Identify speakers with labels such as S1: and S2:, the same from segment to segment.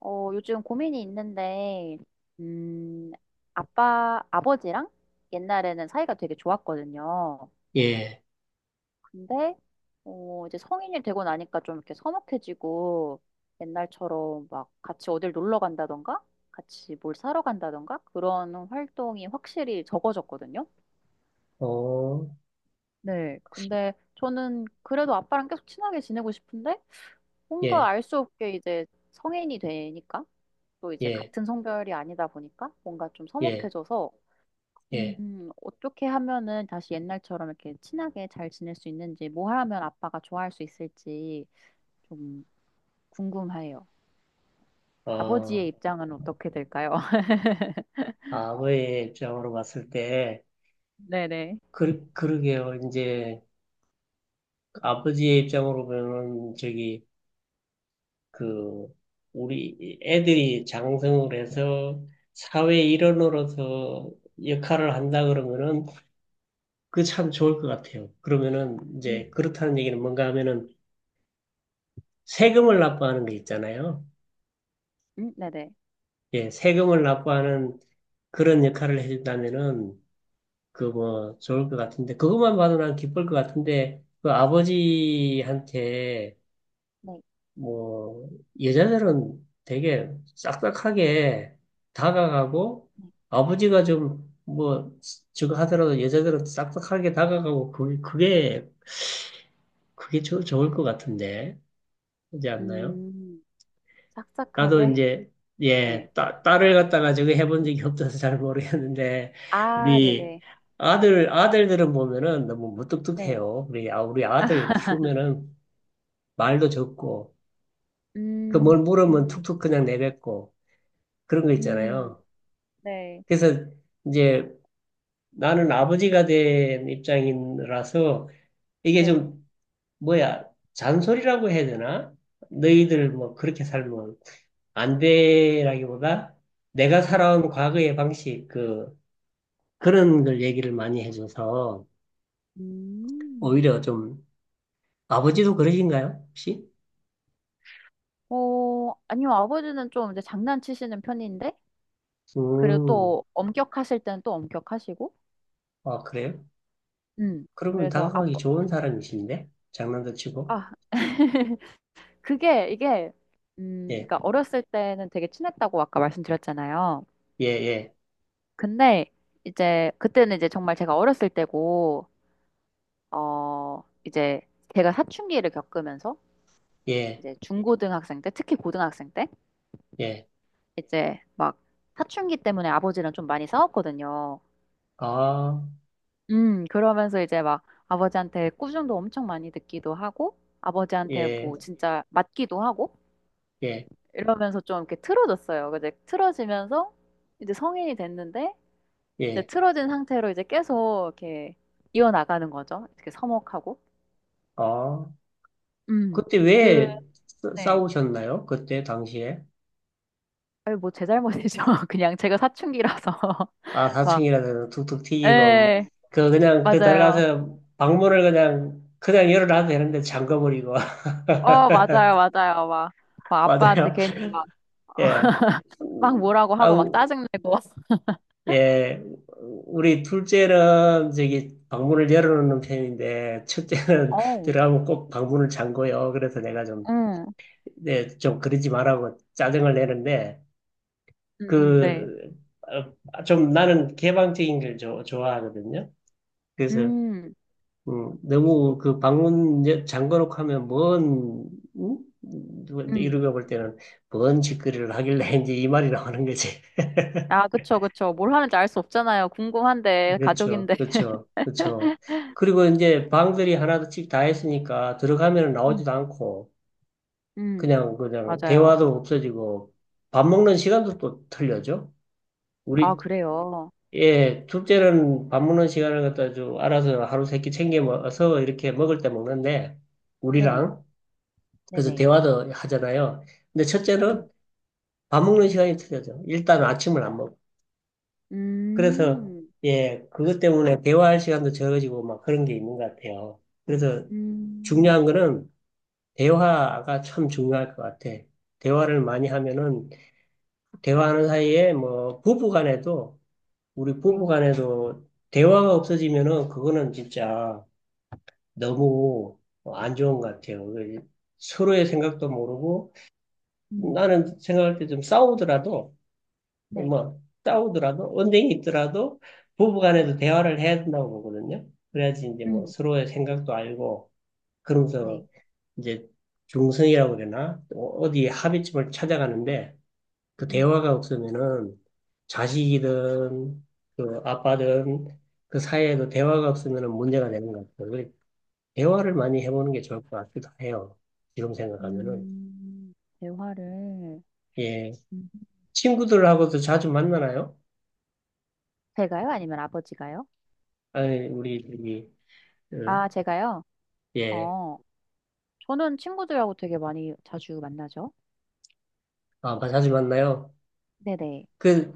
S1: 요즘 고민이 있는데, 음, 아버지랑 옛날에는 사이가 되게 좋았거든요.
S2: 예,
S1: 근데, 이제 성인이 되고 나니까 좀 이렇게 서먹해지고, 옛날처럼 막 같이 어딜 놀러 간다던가, 같이 뭘 사러 간다던가, 그런 활동이 확실히 적어졌거든요.
S2: 어,
S1: 네. 근데 저는 그래도 아빠랑 계속 친하게 지내고 싶은데, 뭔가
S2: 예,
S1: 알 수 없게 이제 성인이 되니까, 또 이제
S2: 예,
S1: 같은 성별이 아니다 보니까 뭔가 좀
S2: 예,
S1: 서먹해져서
S2: 예,
S1: 어떻게 하면은 다시 옛날처럼 이렇게 친하게 잘 지낼 수 있는지, 뭐 하면 아빠가 좋아할 수 있을지 좀 궁금해요.
S2: 어,
S1: 아버지의 입장은 어떻게 될까요?
S2: 아버의 입장으로 봤을 때,
S1: 네네.
S2: 그러게요. 이제, 아버지의 입장으로 보면, 저기, 그, 우리 애들이 장성을 해서 사회 일원으로서 역할을 한다 그러면은, 그 참 좋을 것 같아요. 그러면은,
S1: 음.
S2: 이제, 그렇다는 얘기는 뭔가 하면은, 세금을 납부하는 게 있잖아요.
S1: 네네.
S2: 예, 세금을 납부하는 그런 역할을 해준다면은, 그 뭐 좋을 것 같은데 그것만 봐도 난 기쁠 것 같은데 그 아버지한테
S1: 네,
S2: 뭐 여자들은 되게 싹싹하게 다가가고
S1: 네.
S2: 아버지가 좀 뭐 저거 하더라도 여자들은 싹싹하게 다가가고 그게 좋을 것 같은데 그지 않나요?
S1: 음,
S2: 나도
S1: 싹싹하게.
S2: 이제 예,
S1: 네.
S2: 딸을 갖다가 저기 해본 적이 없어서 잘 모르겠는데
S1: 아,
S2: 우리
S1: 네네.
S2: 아들들은 보면은 너무
S1: 네.
S2: 무뚝뚝해요. 우리 아들
S1: 아,
S2: 키우면은 말도 적고 그 뭘
S1: 음,
S2: 물으면
S1: 음,
S2: 툭툭 그냥 내뱉고 그런 거
S1: 음,
S2: 있잖아요.
S1: 네.
S2: 그래서 이제 나는 아버지가 된 입장이라서 이게
S1: 네.
S2: 좀 뭐야 잔소리라고 해야 되나? 너희들 뭐 그렇게 살면 안 돼라기보다 내가
S1: 음.
S2: 살아온 과거의 방식, 그, 그런 걸 얘기를 많이 해줘서
S1: 음.
S2: 오히려 좀 아버지도 그러신가요? 혹시?
S1: 어, 아니요, 아버지는 좀 이제 장난치시는 편인데, 그리고
S2: 음,
S1: 또 엄격하실 때는 또 엄격하시고,
S2: 아, 그래요? 그러면
S1: 그래서
S2: 다가가기
S1: 아빠,
S2: 좋은
S1: 음,
S2: 사람이신데? 장난도 치고?
S1: 아, 그게, 이게,
S2: 예,
S1: 그러니까 어렸을 때는 되게 친했다고 아까 말씀드렸잖아요.
S2: 예, 예,
S1: 근데 이제, 그때는 이제 정말 제가 어렸을 때고, 이제 제가 사춘기를 겪으면서,
S2: 예,
S1: 이제 중고등학생 때, 특히 고등학생 때,
S2: 예,
S1: 이제 막 사춘기 때문에 아버지랑 좀 많이 싸웠거든요.
S2: 아,
S1: 그러면서 이제 막 아버지한테 꾸중도 엄청 많이 듣기도 하고, 아버지한테
S2: 예,
S1: 뭐 진짜 맞기도 하고,
S2: 예,
S1: 이러면서 좀 이렇게 틀어졌어요. 근데 틀어지면서 이제 성인이 됐는데, 이제
S2: 예,
S1: 틀어진 상태로 이제 계속 이렇게 이어나가는 거죠. 이렇게 서먹하고.
S2: 아.
S1: 음,
S2: 그때
S1: 그,
S2: 왜
S1: 네.
S2: 싸우셨나요? 그때 당시에?
S1: 아니, 뭐 제 잘못이죠. 그냥 제가 사춘기라서.
S2: 아,
S1: 막,
S2: 사춘기라서 툭툭 튀기고, 뭐.
S1: 에,
S2: 그냥
S1: 맞아요.
S2: 들어가서 방문을 그냥 열어놔도 되는데 잠가버리고.
S1: 어, 맞아요, 맞아요. 막 아빠한테
S2: 맞아요.
S1: 괜히 막,
S2: 예.
S1: 막
S2: 음,
S1: 뭐라고 하고 막
S2: 아우,
S1: 짜증내고.
S2: 예. 우리 둘째는 저기 방문을 열어놓는 편인데, 첫째는
S1: 어.
S2: 들어가면 꼭 방문을 잠궈요. 그래서 내가 좀,
S1: 응,
S2: 네, 좀 그러지 말라고 짜증을 내는데,
S1: 응, 응, 네.
S2: 그, 어, 좀 나는 개방적인 걸 좋아하거든요. 그래서
S1: 음,
S2: 너무 그 방문 잠궈놓고 하면 뭔, 음? 누가
S1: 음.
S2: 이루가 볼 때는 뭔 짓거리를 하길래 이제 이 말이 나오는 거지.
S1: 아, 그쵸, 그쵸. 뭘 하는지 알 수 없잖아요. 궁금한데,
S2: 그렇죠.
S1: 가족인데.
S2: 그렇죠. 그렇죠. 그리고 이제 방들이 하나씩 다 했으니까 들어가면
S1: 음,
S2: 나오지도 않고
S1: 음,
S2: 그냥
S1: 맞아요.
S2: 대화도 없어지고 밥 먹는 시간도 또 틀려져.
S1: 아,
S2: 우리,
S1: 그래요.
S2: 예, 둘째는 밥 먹는 시간을 갖다 좀 알아서 하루 세끼 챙겨 먹어서 이렇게 먹을 때 먹는데
S1: 네,
S2: 우리랑 그래서
S1: 네네.
S2: 대화도 하잖아요. 근데 첫째는
S1: 음,
S2: 밥 먹는 시간이 틀려져. 일단 아침을 안 먹어. 그래서
S1: 음,
S2: 예, 그것 때문에 대화할 시간도 적어지고 막 그런 게 있는 것 같아요. 그래서
S1: 음,
S2: 중요한 거는 대화가 참 중요할 것 같아. 대화를 많이 하면은 대화하는 사이에 뭐 부부 간에도 우리 부부
S1: 네,
S2: 간에도 대화가 없어지면은 그거는 진짜 너무 안 좋은 것 같아요. 그 서로의 생각도 모르고
S1: 음,
S2: 나는 생각할 때 좀 싸우더라도
S1: 네,
S2: 뭐 싸우더라도 언쟁이 있더라도
S1: 음,
S2: 부부간에도 대화를 해야 된다고 보거든요. 그래야지 이제 뭐
S1: 음,
S2: 서로의 생각도 알고 그러면서
S1: 네.
S2: 이제 중성이라고 그러나 어디 합의점을 찾아가는데 그
S1: 음,
S2: 대화가 없으면은 자식이든 그 아빠든 그 사이에도 대화가 없으면은 문제가 되는 것 같아요. 그래 대화를 많이 해보는 게 좋을 것 같기도 해요. 지금 생각하면은
S1: 음, 대화를
S2: 예
S1: 음.
S2: 친구들하고도 자주 만나나요?
S1: 제가요? 아니면 아버지가요?
S2: 아니 우리 저기 어,
S1: 아, 제가요?
S2: 예.
S1: 어, 저는 친구들하고 되게 많이 자주 만나죠.
S2: 아, 자주 만나요?
S1: 네네,
S2: 그,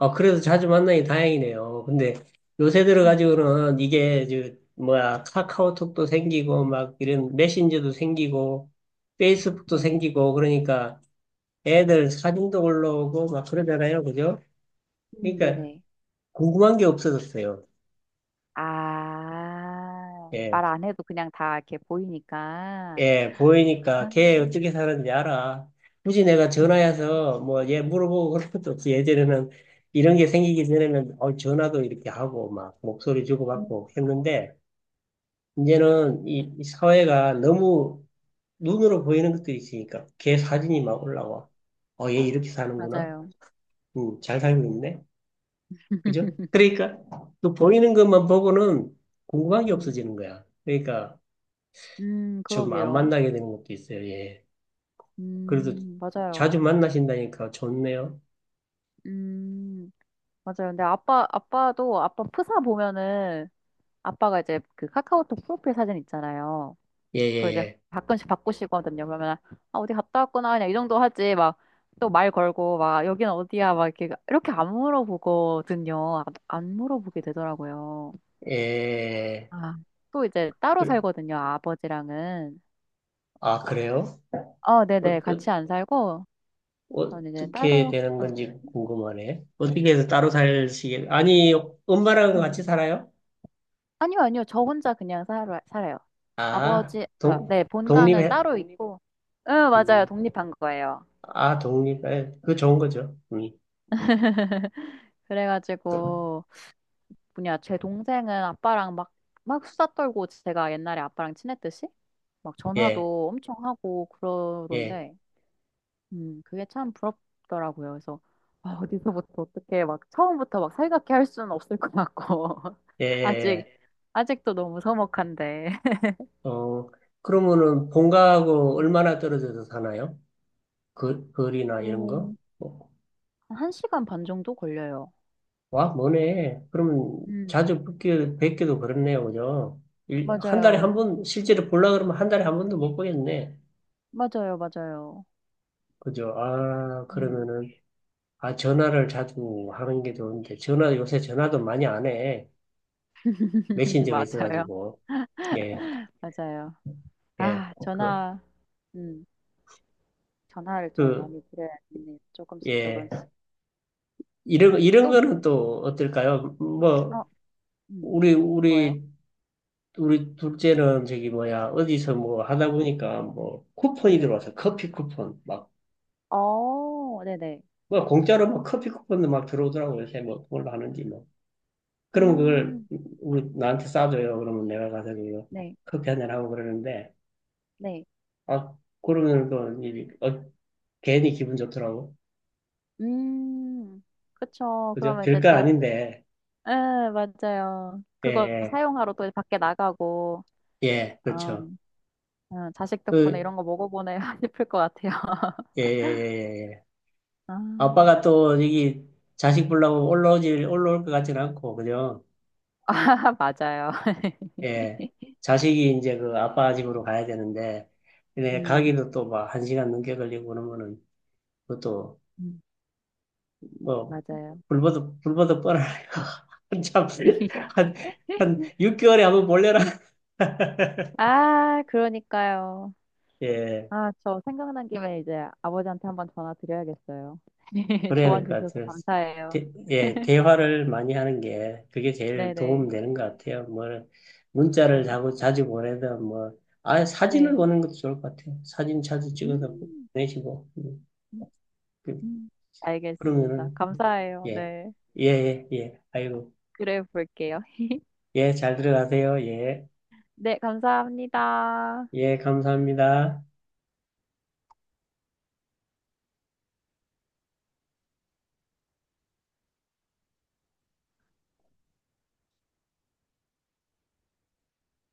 S2: 아, 그래도 자주 만나니 다행이네요. 근데 요새
S1: 음.
S2: 들어가지고는 이게, 저, 뭐야, 카카오톡도 생기고, 막 이런 메신저도 생기고, 페이스북도
S1: 네네.
S2: 생기고, 그러니까 애들 사진도 올라오고, 막 그러잖아요. 그죠? 그러니까
S1: 네네.
S2: 궁금한 게 없어졌어요.
S1: 아,
S2: 예.
S1: 말 안 해도 그냥 다 이렇게 보이니까.
S2: 예,
S1: 아,
S2: 보이니까 걔 어떻게 사는지 알아. 굳이 내가 전화해서 뭐 얘 물어보고 그런 것도 없이 예전에는 이런 게 생기기 전에는 어, 전화도 이렇게 하고 막 목소리
S1: 음,
S2: 주고받고 했는데 이제는 이 사회가 너무 눈으로 보이는 것들이 있으니까 걔 사진이 막 올라와. 어, 얘 이렇게 사는구나.
S1: 맞아요.
S2: 잘 살고 있네. 그죠? 그러니까 또 보이는 것만 보고는 궁금한 게
S1: 음,
S2: 없어지는 거야. 그러니까 좀 안
S1: 그러게요.
S2: 만나게 되는 것도 있어요. 예. 그래도 자주
S1: 맞아요.
S2: 만나신다니까 좋네요.
S1: 음, 맞아요. 근데 아빠도, 아빠 프사 보면은, 아빠가 이제 그 카카오톡 프로필 사진 있잖아요.
S2: 예,
S1: 그리고 이제
S2: 예,
S1: 가끔씩 바꾸시거든요. 그러면 아 어디 갔다 왔구나 그냥 이 정도 하지 막 또 말 걸고 막 여기는 어디야 막 이렇게 이렇게 안 물어보거든요. 아, 안 물어보게 되더라고요.
S2: 예. 예.
S1: 아, 또 이제 따로
S2: 그-
S1: 살거든요. 아버지랑은
S2: 아, 그래요?
S1: 어
S2: 어, 어,
S1: 네네 같이 안 살고 저는 이제
S2: 어떻게
S1: 따로
S2: 되는
S1: 응,
S2: 건지 궁금하네. 어떻게 해서 따로 살시게? 아니, 엄마랑
S1: 응.
S2: 같이
S1: 응.
S2: 살아요?
S1: 아니요 아니요 저 혼자 그냥 살아요.
S2: 아,
S1: 아버지 가 네 본가는
S2: 독립해?
S1: 따로 있고 응 맞아요
S2: 음,
S1: 독립한 거예요.
S2: 아, 독립해. 그거 좋은 거죠. 음.
S1: 그래가지고 뭐냐, 제 동생은 아빠랑 막, 막 수다 떨고 제가 옛날에 아빠랑 친했듯이 막
S2: 예,
S1: 전화도 엄청 하고
S2: 예,
S1: 그러던데, 그게 참 부럽더라고요. 그래서, 아, 어디서부터 어떻게 막 처음부터 막 살갑게 할 수는 없을 것 같고,
S2: 예,
S1: 아직,
S2: 예.
S1: 아직도 너무 서먹한데.
S2: 예. 어, 그러면은 본가하고
S1: 음,
S2: 얼마나 떨어져서 사나요? 그, 거리나 이런
S1: 어,
S2: 거? 어,
S1: 1시간 반 정도 걸려요.
S2: 와, 뭐네. 그러면
S1: 음,
S2: 자주 뵙기도 그렇네요. 그죠? 일, 한 달에
S1: 맞아요.
S2: 한 번, 실제로 보려 그러면 한 달에 한 번도 못 보겠네.
S1: 맞아요. 맞아요.
S2: 그죠? 아,
S1: 음,
S2: 그러면은, 아, 전화를 자주 하는 게 좋은데, 전화, 요새 전화도 많이 안 해. 메신저가
S1: 맞아요.
S2: 있어가지고. 예,
S1: 맞아요.
S2: 예.
S1: 아,
S2: 그,
S1: 전화, 음. 전화를 좀
S2: 그,
S1: 많이 드려야겠네요. 조금씩 조금씩.
S2: 예.
S1: 음.
S2: 이런
S1: 또 뭐?
S2: 거는
S1: 음.
S2: 또 어떨까요? 뭐,
S1: 어, 음.
S2: 우리,
S1: 뭐요?
S2: 우리, 우리 둘째는 저기 뭐야, 어디서 뭐 하다
S1: 네,
S2: 보니까 뭐, 쿠폰이
S1: 네네.
S2: 들어와서 커피 쿠폰, 막
S1: 어, 네네.
S2: 뭐 공짜로 막 커피 쿠폰도 막 들어오더라고 요새 뭐 그걸로 하는지 뭐그면 그걸
S1: 음,
S2: 우리 나한테 싸줘요 그러면 내가 가서 그
S1: 네,
S2: 커피 한잔 하고 그러는데
S1: 네.
S2: 아 그러면 또 어, 괜히 기분 좋더라고
S1: 음, 그쵸.
S2: 그죠
S1: 그러면 이제
S2: 별거
S1: 또,
S2: 아닌데
S1: 예, 맞아요. 그거
S2: 예예
S1: 사용하러 또 밖에 나가고,
S2: 예, 예, 그렇죠
S1: 음, 자식 덕분에
S2: 그예예예예
S1: 이런 거 먹어보네 싶을 것 같아요.
S2: 예, 예. 예, 예. 예. 아빠가
S1: 아,
S2: 또 여기 자식 보려고 올라오질 올라올 것 같지는 않고 그죠
S1: 맞아요.
S2: 예 자식이 이제 그 아빠 집으로 가야 되는데 근데
S1: 음,
S2: 가기도 또 막 한 시간 넘게 걸리고 그러면은 그것도
S1: 음,
S2: 뭐
S1: 맞아요.
S2: 불보듯 뻔하네요. 한참 한한 6개월에 한번 몰려라
S1: 아, 그러니까요.
S2: 예,
S1: 아, 저 생각난 김에 이제 아버지한테 한번 전화 드려야겠어요.
S2: 그래야 될
S1: 조언
S2: 것
S1: 주셔서
S2: 같아요.
S1: 감사해요.
S2: 예, 대화를 많이 하는 게 그게 제일
S1: 네네.
S2: 도움 되는 것 같아요. 뭐 문자를
S1: 네.
S2: 자꾸 자주 보내든 뭐 아 사진을
S1: 네.
S2: 보는 것도 좋을 것 같아요. 사진 자주 찍어서
S1: 음,
S2: 보내시고
S1: 음,
S2: 그,
S1: 음. 알겠습니다.
S2: 그러면은
S1: 감사해요.
S2: 예,
S1: 네.
S2: 예, 예, 예. 아이고,
S1: 그래 볼게요.
S2: 예, 잘 들어가세요. 예,
S1: 네, 감사합니다.
S2: 예, 감사합니다.